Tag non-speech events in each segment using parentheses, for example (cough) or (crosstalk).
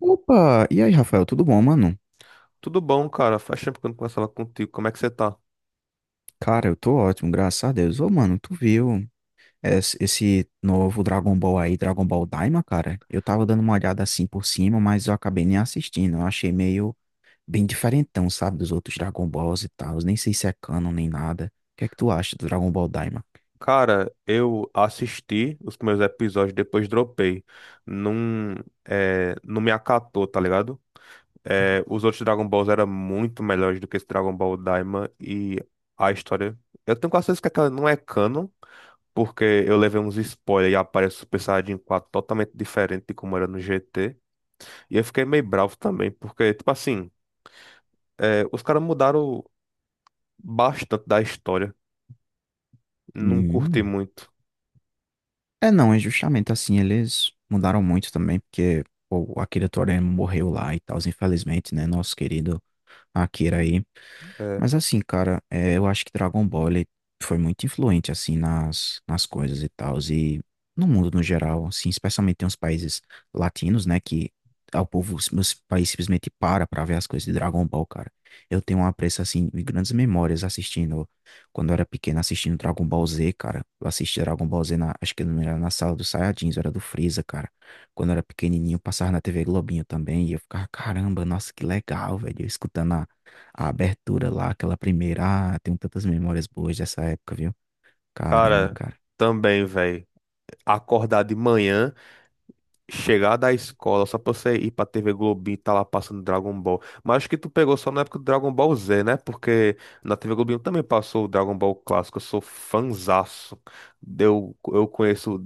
Opa! E aí, Rafael, tudo bom, mano? Tudo bom, cara? Faz tempo que eu não conversava contigo. Como é que você tá? Cara, eu tô ótimo, graças a Deus. Ô, mano, tu viu esse novo Dragon Ball aí, Dragon Ball Daima, cara? Eu tava dando uma olhada assim por cima, mas eu acabei nem assistindo. Eu achei meio bem diferentão, sabe, dos outros Dragon Balls e tal. Nem sei se é canon nem nada. O que é que tu acha do Dragon Ball Daima? Cara, eu assisti os primeiros episódios, depois dropei. Não, não me acatou, tá ligado? É, os outros Dragon Balls eram muito melhores do que esse Dragon Ball Daima e a história. Eu tenho quase certeza que aquela não é canon, porque eu levei uns spoilers e aparece o Super Saiyajin 4 totalmente diferente de como era no GT. E eu fiquei meio bravo também, porque, tipo assim, os caras mudaram bastante da história. Não curti Hum. muito. É, não, é justamente assim, eles mudaram muito também, porque pô, o Akira Toriyama morreu lá e tal, infelizmente, né? Nosso querido Akira aí. É. Mas assim, cara, eu acho que Dragon Ball ele foi muito influente, assim, nas coisas e tal, e no mundo no geral, assim, especialmente em uns países latinos, né, que ah, o povo, os país simplesmente para pra ver as coisas de Dragon Ball, cara. Eu tenho um apreço, assim, e grandes memórias assistindo, quando eu era pequeno, assistindo Dragon Ball Z, cara. Eu assisti Dragon Ball Z, na, acho que não era na sala dos Saiyajins, era do Freeza, cara. Quando eu era pequenininho, passava na TV Globinho também, e eu ficava, caramba, nossa, que legal, velho, eu escutando a abertura lá, aquela primeira. Ah, tenho tantas memórias boas dessa época, viu? Caramba, Cara, cara. também, velho. Acordar de manhã, chegar da escola só pra você ir pra TV Globinho e tá lá passando Dragon Ball. Mas acho que tu pegou só na época do Dragon Ball Z, né? Porque na TV Globinho também passou o Dragon Ball clássico. Eu sou fanzaço. Eu conheço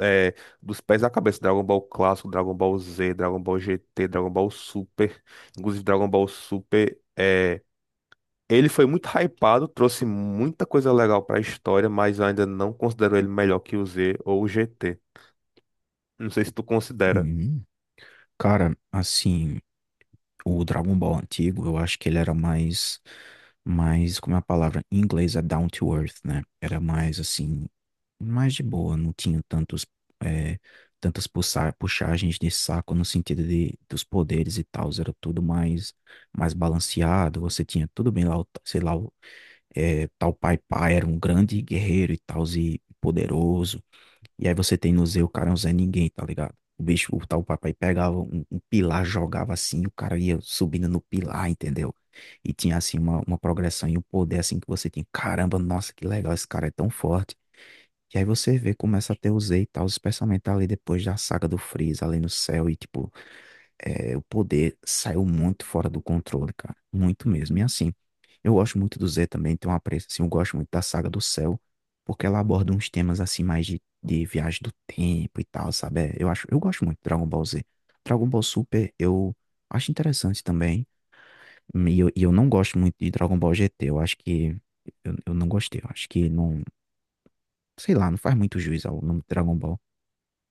é, dos pés à cabeça Dragon Ball clássico, Dragon Ball Z, Dragon Ball GT, Dragon Ball Super. Inclusive, Dragon Ball Super. Ele foi muito hypado, trouxe muita coisa legal pra história, mas eu ainda não considero ele melhor que o Z ou o GT. Não sei se tu considera. Uhum. Cara, assim, o Dragon Ball antigo, eu acho que ele era mais, como é a palavra em inglês é down to earth, né? Era mais assim, mais de boa, não tinha tantos, é, tantas puxagens de saco no sentido de, dos poderes e tal, era tudo mais, mais balanceado, você tinha tudo bem lá, sei lá, é, tal Pai Pai era um grande guerreiro e tal, e poderoso. E aí você tem no Z, o cara é um Zé Ninguém, tá ligado? O bicho, o tal Pai Pai pegava um pilar, jogava assim, o cara ia subindo no pilar, entendeu? E tinha assim uma progressão e um poder assim que você tinha, caramba, nossa, que legal, esse cara é tão forte. E aí você vê, começa a ter o Z e tal, especialmente ali depois da saga do Freeza, ali no céu, e tipo, o poder saiu muito fora do controle, cara. Muito mesmo. E assim, eu gosto muito do Z também, tem um apreço, assim, eu gosto muito da saga do Céu, porque ela aborda uns temas, assim, mais de viagem do tempo e tal, sabe? É, eu acho, eu gosto muito de Dragon Ball Z. Dragon Ball Super, eu acho interessante também, e eu não gosto muito de Dragon Ball GT, eu acho que, eu não gostei, eu acho que não, sei lá, não faz muito juiz ao nome Dragon Ball.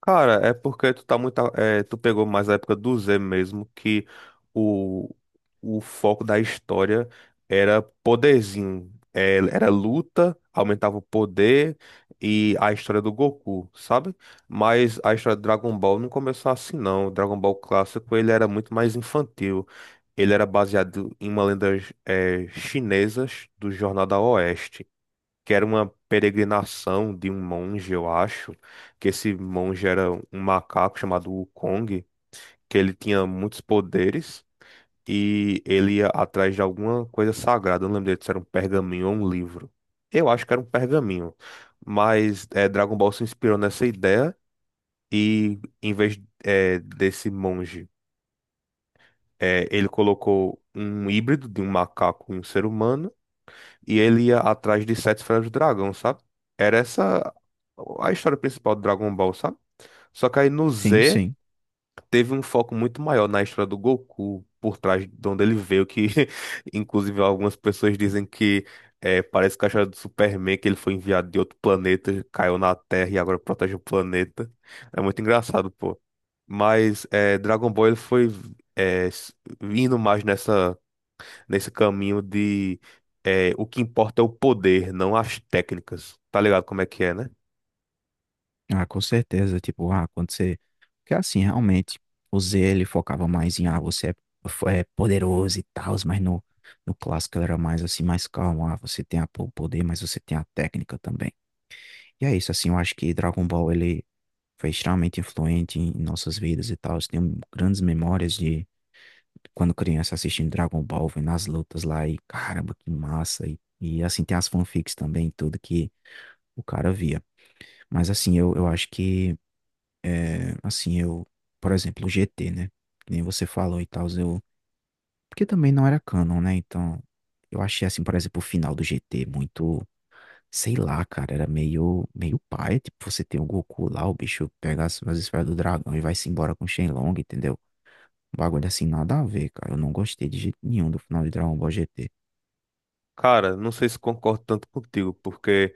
Cara, é porque tu tá muito, tu pegou mais a época do Z mesmo, que o, o foco da história era poderzinho. Era luta, aumentava o poder e a história do Goku, sabe? Mas a história do Dragon Ball não começou assim, não. O Dragon Ball clássico, ele era muito mais infantil. Ele era baseado em uma lenda, chinesa do Jornal da Oeste, que era uma peregrinação de um monge, eu acho, que esse monge era um macaco chamado Wukong, que ele tinha muitos poderes e ele ia atrás de alguma coisa sagrada. Eu não lembro direito se era um pergaminho ou um livro. Eu acho que era um pergaminho, mas Dragon Ball se inspirou nessa ideia e em vez desse monge, ele colocou um híbrido de um macaco e um ser humano e ele ia atrás de sete esferas do dragão, sabe? Era essa a história principal do Dragon Ball, sabe? Só que aí no Sim, Z sim. teve um foco muito maior na história do Goku, por trás de onde ele veio, que (laughs) inclusive algumas pessoas dizem que parece que a história do Superman, que ele foi enviado de outro planeta, caiu na Terra e agora protege o planeta. É muito engraçado, pô. Mas é, Dragon Ball ele foi é, s- indo mais nessa nesse caminho de o que importa é o poder, não as técnicas. Tá ligado como é que é, né? Ah, com certeza, tipo, ah, quando você... Porque assim, realmente, o Z, ele focava mais em, ah, você é poderoso e tal, mas no, no clássico ele era mais assim, mais calmo, ah, você tem o poder, mas você tem a técnica também. E é isso, assim, eu acho que Dragon Ball, ele foi extremamente influente em nossas vidas e tal, eu tenho grandes memórias de quando criança assistindo Dragon Ball, vendo as lutas lá e, caramba, que massa, e assim, tem as fanfics também, tudo que o cara via. Mas assim, eu acho que é, assim, eu, por exemplo, o GT, né? Que nem você falou e tal, eu. Porque também não era canon, né? Então, eu achei, assim, por exemplo, o final do GT muito. Sei lá, cara, era meio, meio paia. Tipo, você tem o Goku lá, o bicho pega as esferas do dragão e vai-se embora com o Shenlong, entendeu? Um bagulho assim, nada a ver, cara. Eu não gostei de jeito nenhum do final de Dragon Ball GT. Cara, não sei se concordo tanto contigo, porque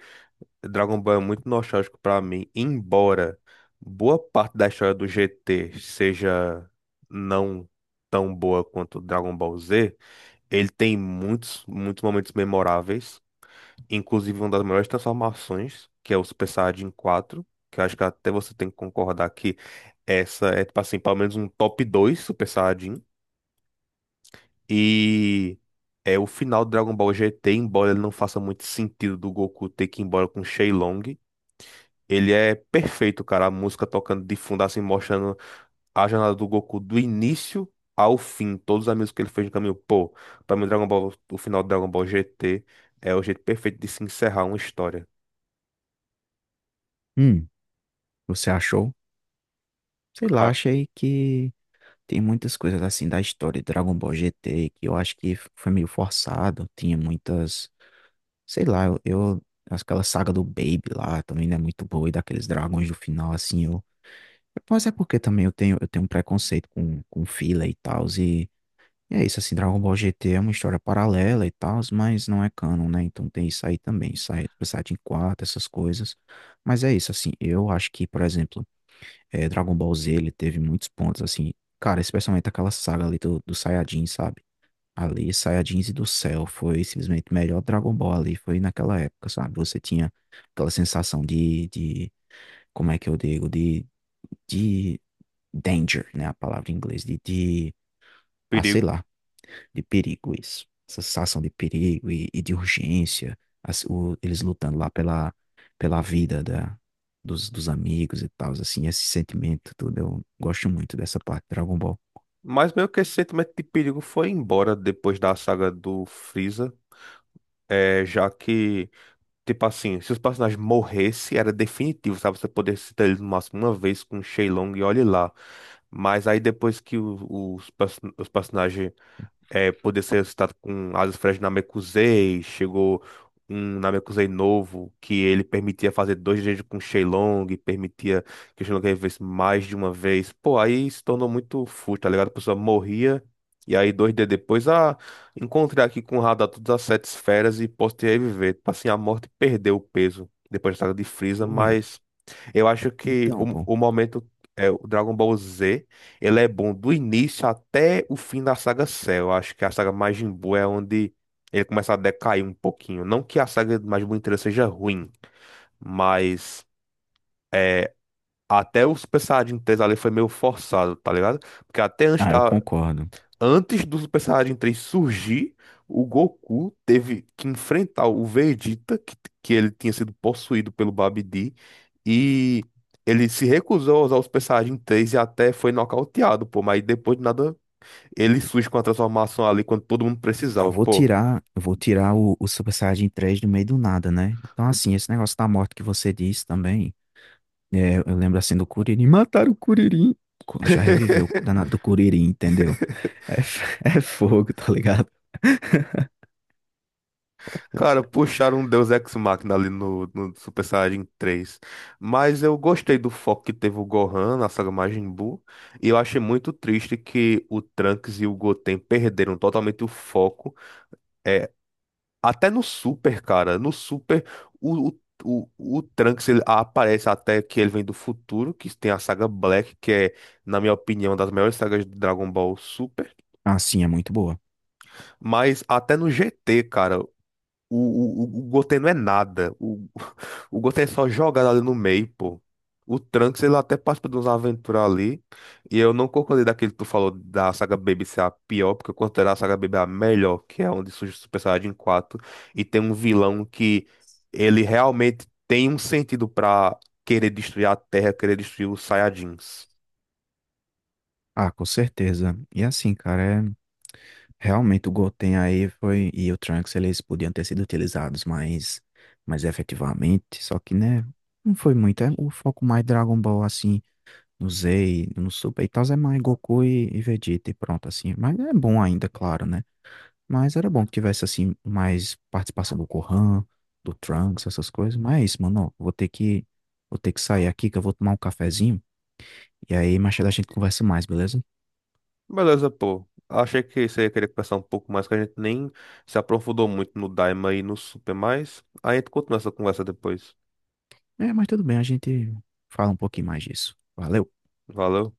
Dragon Ball é muito nostálgico pra mim, embora boa parte da história do GT seja não tão boa quanto Dragon Ball Z, ele tem muitos momentos memoráveis. Inclusive, uma das melhores transformações, que é o Super Saiyajin 4, que eu acho que até você tem que concordar que essa é, tipo assim, pelo menos um top 2 Super Saiyajin. E é o final do Dragon Ball GT, embora ele não faça muito sentido do Goku ter que ir embora com o Shenlong, ele é perfeito, cara. A música tocando de fundo, assim, mostrando a jornada do Goku do início ao fim. Todos os amigos que ele fez no caminho. Pô, pra mim, Dragon Ball, o final do Dragon Ball GT é o jeito perfeito de se encerrar uma história. Hum, você achou? Sei lá, Cara, achei que tem muitas coisas assim da história de Dragon Ball GT que eu acho que foi meio forçado. Tinha muitas sei lá, aquela saga do Baby lá também não é muito boa, e daqueles dragões do final, assim, eu. Mas é porque também eu tenho um preconceito com filler e tal, e é isso, assim, Dragon Ball GT é uma história paralela e tal, mas não é canon, né? Então tem isso aí também, isso aí, tipo, Saiyajin 4 essas coisas. Mas é isso, assim, eu acho que, por exemplo, Dragon Ball Z, ele teve muitos pontos, assim, cara, especialmente aquela saga ali do Saiyajin, sabe? Ali, Saiyajins e do Céu foi simplesmente o melhor Dragon Ball ali, foi naquela época, sabe? Você tinha aquela sensação de como é que eu digo, de danger, né? A palavra em inglês, ah, sei perigo. lá, de perigo isso. Essa sensação de perigo e de urgência, eles lutando lá pela, pela vida da, dos amigos e tal, assim, esse sentimento tudo, eu gosto muito dessa parte de Dragon Ball. Mas meio que esse sentimento de perigo foi embora depois da saga do Freeza. Já que, tipo assim, se os personagens morressem, era definitivo, sabe? Você poder citar eles no máximo uma vez com o Shenlong e olhe lá. Mas aí depois que os personagens poder ser ressuscitado com asas frestas de Namekusei. Chegou um Namekusei novo que ele permitia fazer dois jeitos com Shenlong, permitia que o Shenlong revivesse mais de uma vez. Pô, aí se tornou muito fútil, tá ligado? A pessoa morria. E aí, dois dias depois, encontrei aqui com o radar todas as sete esferas e posso te reviver. Tipo assim, a morte perdeu o peso depois da saga de Frieza, Oi, mas. Eu acho que então, o, pô, o momento é o Dragon Ball Z, ele é bom do início até o fim da saga Cell. Eu acho que a saga Majin Buu é onde ele começa a decair um pouquinho. Não que a saga Majin Buu inteira seja ruim, mas é, até o Super Saiyajin 3 ali foi meio forçado, tá ligado? Porque até antes ah, eu da, concordo. Antes do Super Saiyajin 3 surgir, o Goku teve que enfrentar o Vegeta, que ele tinha sido possuído pelo Babidi, e ele se recusou a usar o Super Saiyajin 3 e até foi nocauteado, pô, mas depois de nada, ele surge com a transformação ali quando todo mundo Não, precisava, vou pô. tirar, eu vou tirar o Super Saiyajin 3 do meio do nada, né? Então, assim, esse negócio da morte que você disse também, é, eu lembro assim do Kuririn, mataram o Kuririn, já reviveu o (laughs) danado do Kuririn, entendeu? É, (laughs) é fogo, tá ligado? Cara, puxaram um Deus Ex Machina ali no Super Saiyajin 3. Mas eu gostei do foco que teve o Gohan na saga Majin Buu. E eu achei muito triste que o Trunks e o Goten perderam totalmente o foco. É, Até no Super, cara. No Super, o, o, o Trunks ele aparece até que ele vem do futuro, que tem a saga Black, que é, na minha opinião, uma das melhores sagas de Dragon Ball Super. Assim, é muito boa. Mas até no GT, cara. O Gotê não é nada. O Gotê é só jogado ali no meio, pô. O Trunks, ele até participa de uns aventuras ali. E eu não concordei daquele que tu falou da saga Baby ser a pior, porque eu considero a saga Baby a melhor, que é onde surge o Super Saiyajin 4. E tem um vilão que ele realmente tem um sentido pra querer destruir a Terra, querer destruir os Saiyajins. Ah, com certeza. E assim, cara, é, realmente o Goten aí foi, e o Trunks, eles podiam ter sido utilizados mais, mais efetivamente, só que, né, não foi muito, é o foco mais Dragon Ball, assim, no Usei no Super e tal, é mais Goku e Vegeta e pronto, assim. Mas é bom ainda, claro, né? Mas era bom que tivesse, assim, mais participação do Gohan, do Trunks, essas coisas. Mas é isso, mano. Ó, vou ter que sair aqui, que eu vou tomar um cafezinho. E aí, mais tarde a gente conversa mais, beleza? Beleza, pô. Achei que você ia querer conversar um pouco mais, que a gente nem se aprofundou muito no Daima e no Super, mas aí a gente continua essa conversa depois. É, mas tudo bem, a gente fala um pouquinho mais disso. Valeu! Valeu.